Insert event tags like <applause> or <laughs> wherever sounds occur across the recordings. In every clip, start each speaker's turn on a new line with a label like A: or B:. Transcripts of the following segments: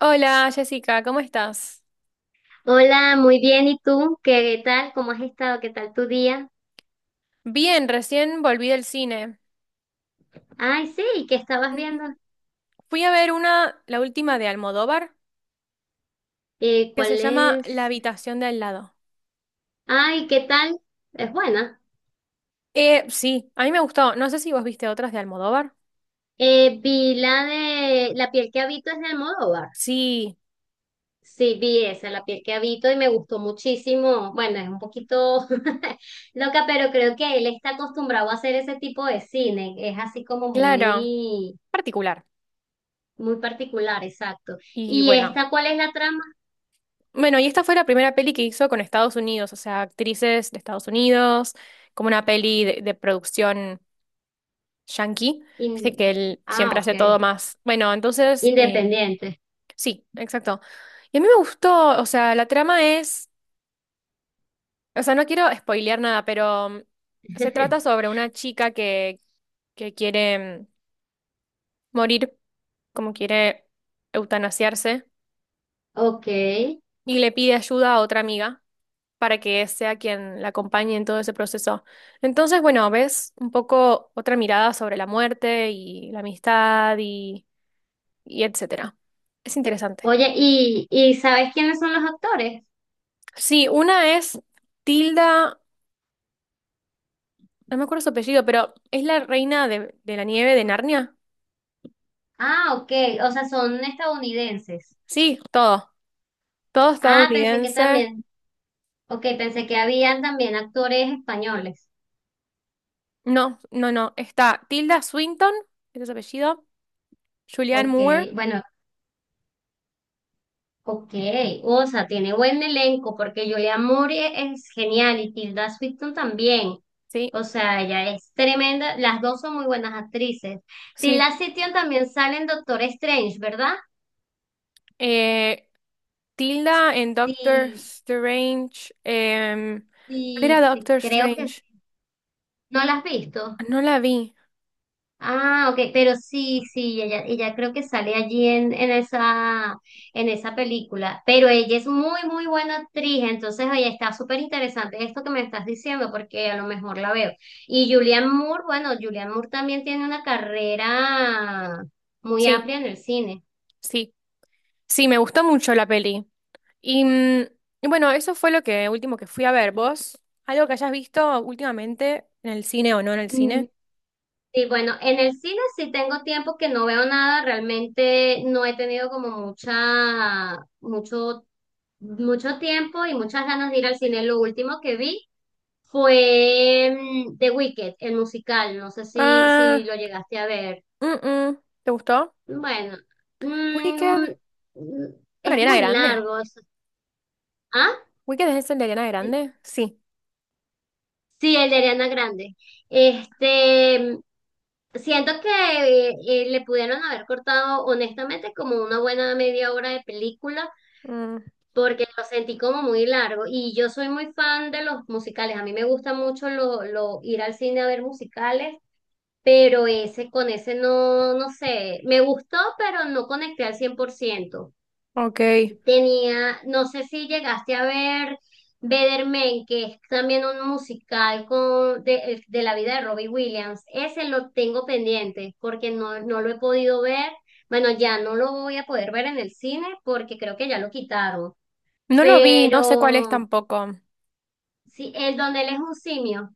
A: Hola Jessica, ¿cómo estás?
B: Hola, muy bien. ¿Y tú? ¿Qué tal? ¿Cómo has estado? ¿Qué tal tu día?
A: Bien, recién volví del cine.
B: Ay, sí, ¿qué estabas
A: Ujú.
B: viendo?
A: Fui a ver una, la última de Almodóvar, que se
B: ¿Cuál
A: llama La
B: es?
A: habitación de al lado.
B: Ay, ¿qué tal? Es buena.
A: Sí, a mí me gustó. No sé si vos viste otras de Almodóvar.
B: Vi la de La piel que habito es de Almodóvar.
A: Sí,
B: Sí, vi esa, La piel que habito y me gustó muchísimo. Bueno, es un poquito <laughs> loca, pero creo que él está acostumbrado a hacer ese tipo de cine. Es así como
A: claro,
B: muy,
A: particular.
B: muy particular, exacto.
A: Y
B: ¿Y
A: bueno,
B: esta cuál es la trama?
A: bueno, y esta fue la primera peli que hizo con Estados Unidos, o sea, actrices de Estados Unidos, como una peli de producción yankee. Viste
B: In-
A: que él
B: Ah,
A: siempre
B: ok.
A: hace todo más. Bueno, entonces,
B: Independiente.
A: sí, exacto. Y a mí me gustó, o sea, la trama es, o sea, no quiero spoilear nada, pero se trata
B: <laughs>
A: sobre una chica que quiere morir, como quiere eutanasiarse,
B: Ok.
A: y le pide ayuda a otra amiga para que sea quien la acompañe en todo ese proceso. Entonces, bueno, ves un poco otra mirada sobre la muerte y la amistad y etcétera. Es interesante.
B: Oye, ¿y sabes quiénes son los actores?
A: Sí, una es Tilda. No me acuerdo su apellido, pero es la reina de la nieve de Narnia.
B: Ah, ok. O sea, son estadounidenses.
A: Sí, todo. Todo
B: Ah, pensé que
A: estadounidense.
B: también. Ok, pensé que habían también actores españoles.
A: No, no, no. Está Tilda Swinton, ese es su apellido. Julianne
B: Ok,
A: Moore.
B: bueno, ok. O sea, tiene buen elenco porque Julia Moore es genial y Tilda Swinton también.
A: Sí,
B: O sea, ella es tremenda. Las dos son muy buenas actrices.
A: sí.
B: Tilda Swinton también sale en Doctor Strange, ¿verdad?
A: Eh, Tilda en Doctor
B: Sí,
A: Strange. ¿Cuál
B: sí,
A: era
B: sí,
A: Doctor
B: creo que
A: Strange?
B: sí. ¿No la has visto?
A: No la vi.
B: Ah, ok, pero sí, sí, ella creo que sale allí en esa, en esa película, pero ella es muy, muy buena actriz, entonces ahí está súper interesante esto que me estás diciendo, porque a lo mejor la veo. Y Julianne Moore, bueno, Julianne Moore también tiene una carrera muy
A: Sí,
B: amplia en el cine.
A: sí. Sí, me gustó mucho la peli. Y y bueno, eso fue lo que último que fui a ver. ¿Vos? ¿Algo que hayas visto últimamente en el cine o no en el cine?
B: Mm, Y bueno, en el cine sí tengo tiempo que no veo nada, realmente no he tenido como mucha, mucho tiempo y muchas ganas de ir al cine. Lo último que vi fue The Wicked, el musical, no sé si
A: Ah,
B: lo llegaste a ver.
A: mm, mm. ¿Te gustó?
B: Bueno,
A: Wicked.
B: mm, mm,
A: Con
B: es
A: Ariana
B: muy
A: Grande.
B: largo. ¿Ah?
A: ¿Wicked es el de Ariana Grande? Sí.
B: Sí, el de Ariana Grande. Este, siento que le pudieron haber cortado honestamente como una buena media hora de película
A: Mm,
B: porque lo sentí como muy largo y yo soy muy fan de los musicales. A mí me gusta mucho ir al cine a ver musicales, pero ese, con ese no, no sé, me gustó, pero no conecté al 100%.
A: ok.
B: Tenía, no sé si llegaste a ver Better, que es también un musical con, de la vida de Robbie Williams. Ese lo tengo pendiente porque no, no lo he podido ver. Bueno, ya no lo voy a poder ver en el cine porque creo que ya lo quitaron.
A: No lo vi, no sé cuál es
B: Pero
A: tampoco.
B: sí, el donde él es un simio.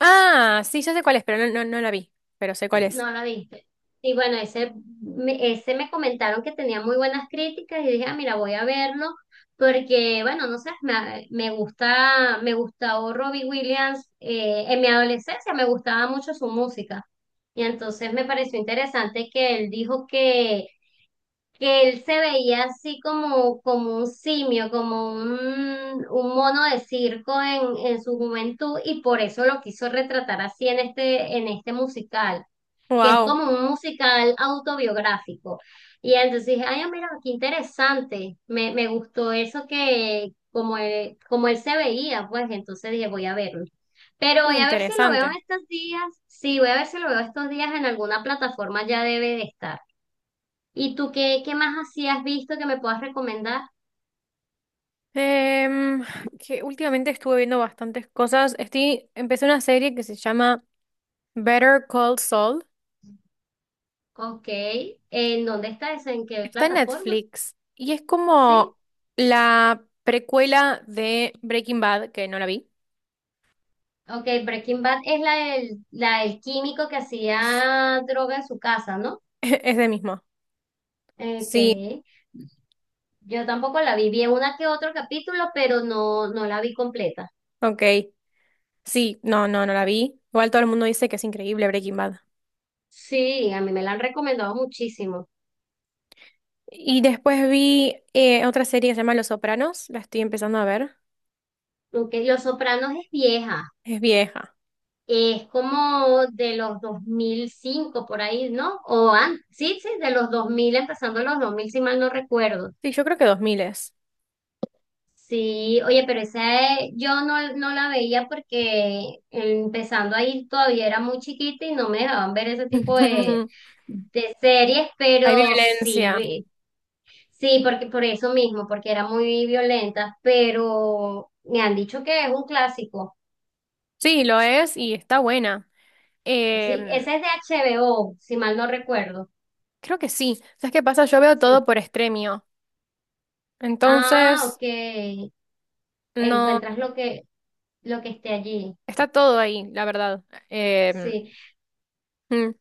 A: Ah, sí, ya sé cuál es, pero no, no, no la vi. Pero sé cuál es.
B: No la viste. Y bueno, ese me comentaron que tenía muy buenas críticas y dije, ah, mira, voy a verlo porque, bueno, no sé, me gusta, me gustó Robbie Williams en mi adolescencia, me gustaba mucho su música. Y entonces me pareció interesante que él dijo que, él se veía así como un simio, como un mono de circo en su juventud y por eso lo quiso retratar así en este musical, que es
A: Wow.
B: como un musical autobiográfico. Y entonces dije, ay, mira, qué interesante, me gustó eso, que como él, se veía, pues entonces dije, voy a verlo. Pero voy a ver si lo veo
A: Interesante.
B: estos días, sí, voy a ver si lo veo estos días en alguna plataforma, ya debe de estar. ¿Y tú qué más así has visto que me puedas recomendar?
A: Em, que últimamente estuve viendo bastantes cosas. Estoy, empecé una serie que se llama Better Call Saul.
B: Ok, ¿en dónde está eso? ¿En qué
A: Está en
B: plataforma?
A: Netflix y es
B: Sí.
A: como la precuela de Breaking Bad, que no la vi.
B: Ok, Breaking Bad es la del químico que hacía droga en su casa, ¿no?
A: <laughs> Es de mismo. Sí,
B: Okay, yo tampoco la vi. Vi una que otro capítulo, pero no la vi completa.
A: ok. Sí, no, no, no la vi. Igual todo el mundo dice que es increíble Breaking Bad.
B: Sí, a mí me la han recomendado muchísimo.
A: Y después vi otra serie que se llama Los Sopranos. La estoy empezando a ver.
B: Aunque Los Sopranos es vieja.
A: Es vieja.
B: Es como de los 2005 por ahí, ¿no? O antes. Sí, sí, de los 2000 empezando los 2000 si mal no recuerdo.
A: Sí, yo creo que 2000 es.
B: Sí, oye, pero esa yo no la veía porque empezando ahí todavía era muy chiquita y no me dejaban ver ese tipo de,
A: <laughs>
B: de series,
A: Hay
B: pero sí,
A: violencia.
B: vi. Sí, porque por eso mismo, porque era muy violenta, pero me han dicho que es un clásico.
A: Sí, lo es y está buena.
B: Sí,
A: Em,
B: ese es de HBO, si mal no recuerdo.
A: Creo que sí. ¿Sabes qué pasa? Yo veo todo
B: Sí.
A: por Extremio.
B: Ah,
A: Entonces,
B: ok.
A: no.
B: Encuentras lo que esté allí.
A: Está todo ahí, la verdad.
B: Sí.
A: Mm,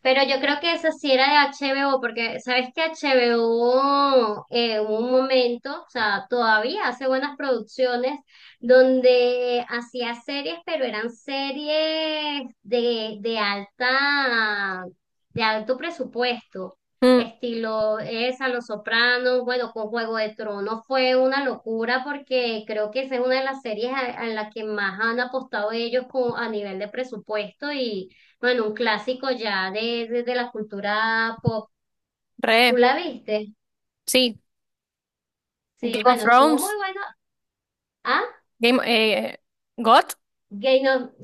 B: Pero yo creo que esa sí era de HBO, porque sabes que HBO hubo un momento, o sea, todavía hace buenas producciones, donde hacía series, pero eran series de alta, de alto presupuesto,
A: mm,
B: estilo esa, Los Sopranos, bueno, con Juego de Tronos fue una locura porque creo que esa es una de las series a la que más han apostado ellos con, a nivel de presupuesto y bueno, un clásico ya de la cultura pop. ¿Tú
A: re.
B: la viste?
A: Sí.
B: Sí,
A: Game of
B: bueno, estuvo muy
A: Thrones.
B: bueno. Ah,
A: Game, eh, God,
B: Game of...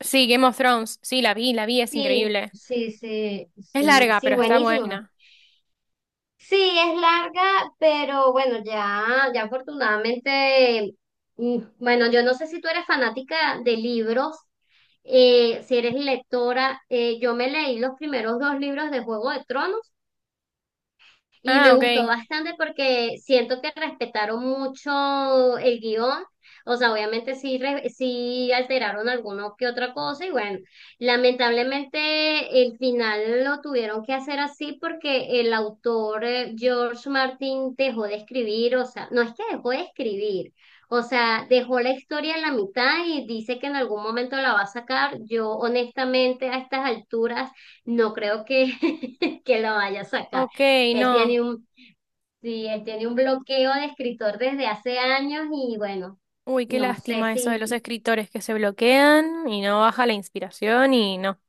A: sí, Game of Thrones. Sí, la vi, es
B: Sí,
A: increíble.
B: sí, sí,
A: Es
B: sí,
A: larga,
B: sí,
A: pero está
B: buenísimo.
A: buena.
B: Sí, es larga, pero bueno, ya afortunadamente, bueno, yo no sé si tú eres fanática de libros, si eres lectora, yo me leí los primeros dos libros de Juego de Tronos. Y
A: Ah,
B: me gustó
A: ok.
B: bastante porque siento que respetaron mucho el guión. O sea, obviamente sí, sí alteraron alguno que otra cosa. Y bueno, lamentablemente el final lo tuvieron que hacer así porque el autor George Martin dejó de escribir. O sea, no es que dejó de escribir. O sea, dejó la historia en la mitad y dice que en algún momento la va a sacar. Yo honestamente a estas alturas no creo que, <laughs> que la vaya a sacar.
A: Ok,
B: Él tiene
A: no.
B: un, sí, él tiene un bloqueo de escritor desde hace años y bueno,
A: Uy, qué
B: no sé
A: lástima eso de los
B: si,
A: escritores que se bloquean y no baja la inspiración y no.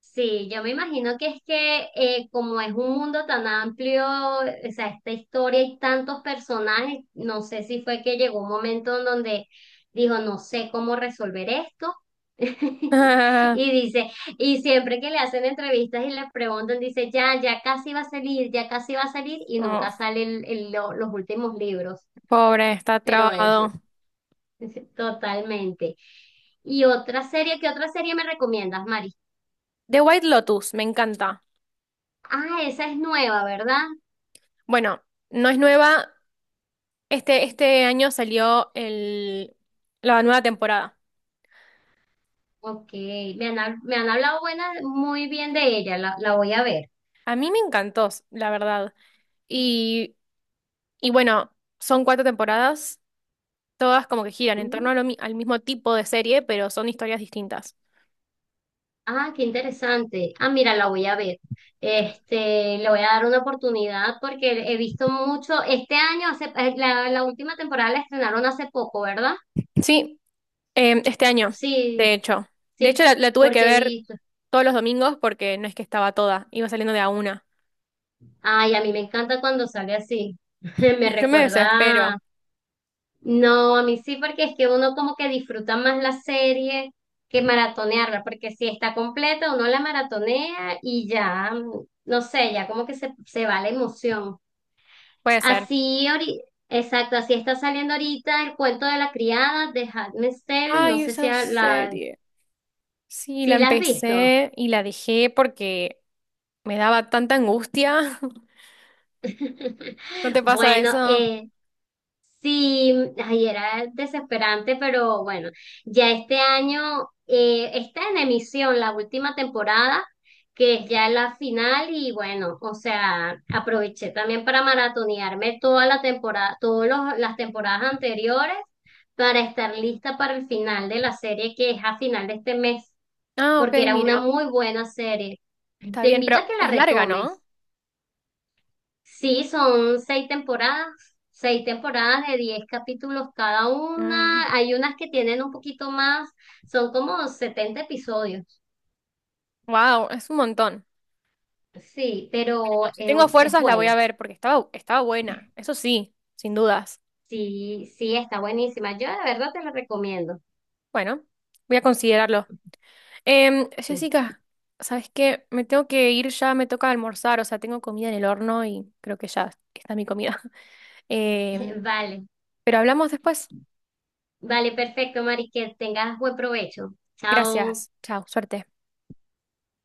B: sí, yo me imagino que es que como es un mundo tan amplio, o sea, esta historia y tantos personajes, no sé si fue que llegó un momento en donde dijo, no sé cómo resolver esto. <laughs>
A: <laughs>
B: Y dice, y siempre que le hacen entrevistas y le preguntan, dice, ya, ya casi va a salir, ya casi va a salir, y
A: Oh,
B: nunca salen los últimos libros.
A: pobre, está
B: Pero eso.
A: trabado.
B: <laughs> Totalmente. ¿Y otra serie? ¿Qué otra serie me recomiendas, Mari?
A: The White Lotus, me encanta.
B: Ah, esa es nueva, ¿verdad?
A: Bueno, no es nueva. Este año salió la nueva temporada.
B: Ok, me han hablado buena, muy bien de ella, la voy a ver.
A: A mí me encantó, la verdad. Y, y bueno, son 4 temporadas. Todas como que giran en torno
B: Mm.
A: a lo mi- al mismo tipo de serie, pero son historias distintas.
B: Ah, qué interesante. Ah, mira, la voy a ver. Este, le voy a dar una oportunidad porque he visto mucho, este año, la última temporada la estrenaron hace poco, ¿verdad?
A: Sí, este año, de
B: Sí,
A: hecho. De hecho,
B: sí,
A: la tuve que
B: porque he
A: ver
B: visto.
A: todos los domingos porque no es que estaba toda, iba saliendo de a una.
B: Ay, a mí me encanta cuando sale así. <laughs> Me
A: Yo me desespero,
B: recuerda. No, a mí sí, porque es que uno como que disfruta más la serie que maratonearla, porque si está completa, uno la maratonea y ya, no sé, ya como que se va la emoción.
A: puede ser.
B: Así, exacto, así está saliendo ahorita el cuento de la criada de Handmaid's Tale, no
A: Ay,
B: sé si
A: esa serie. Sí, la
B: si la has visto.
A: empecé y la dejé porque me daba tanta angustia. <laughs>
B: <laughs>
A: ¿No te pasa
B: Bueno,
A: eso?
B: sí, ay, era desesperante, pero bueno, ya este año está en emisión la última temporada, que es ya la final, y bueno, o sea, aproveché también para maratonearme toda la temporada, todas las temporadas anteriores, para estar lista para el final de la serie, que es a final de este mes,
A: Ah, ok,
B: porque era
A: mira,
B: una muy buena serie.
A: está
B: Te
A: bien,
B: invito
A: pero
B: a que la
A: es larga,
B: retomes.
A: ¿no?
B: Sí, son 6 temporadas, 6 temporadas de 10 capítulos cada
A: Mm,
B: una. Hay unas que tienen un poquito más, son como 70 episodios.
A: wow, es un montón.
B: Sí, pero
A: Si tengo
B: es
A: fuerzas, la voy a
B: buena.
A: ver porque estaba, estaba buena. Eso sí, sin dudas.
B: Sí, sí, está buenísima. Yo de verdad te la recomiendo.
A: Bueno, voy a considerarlo. Em,
B: Sí.
A: Jessica, ¿sabes qué? Me tengo que ir ya, me toca almorzar. O sea, tengo comida en el horno y creo que ya está mi comida. <laughs> Em,
B: <laughs> Vale,
A: pero hablamos después.
B: vale, perfecto, Mari, que tengas buen provecho. Chao.
A: Gracias. Chao, suerte.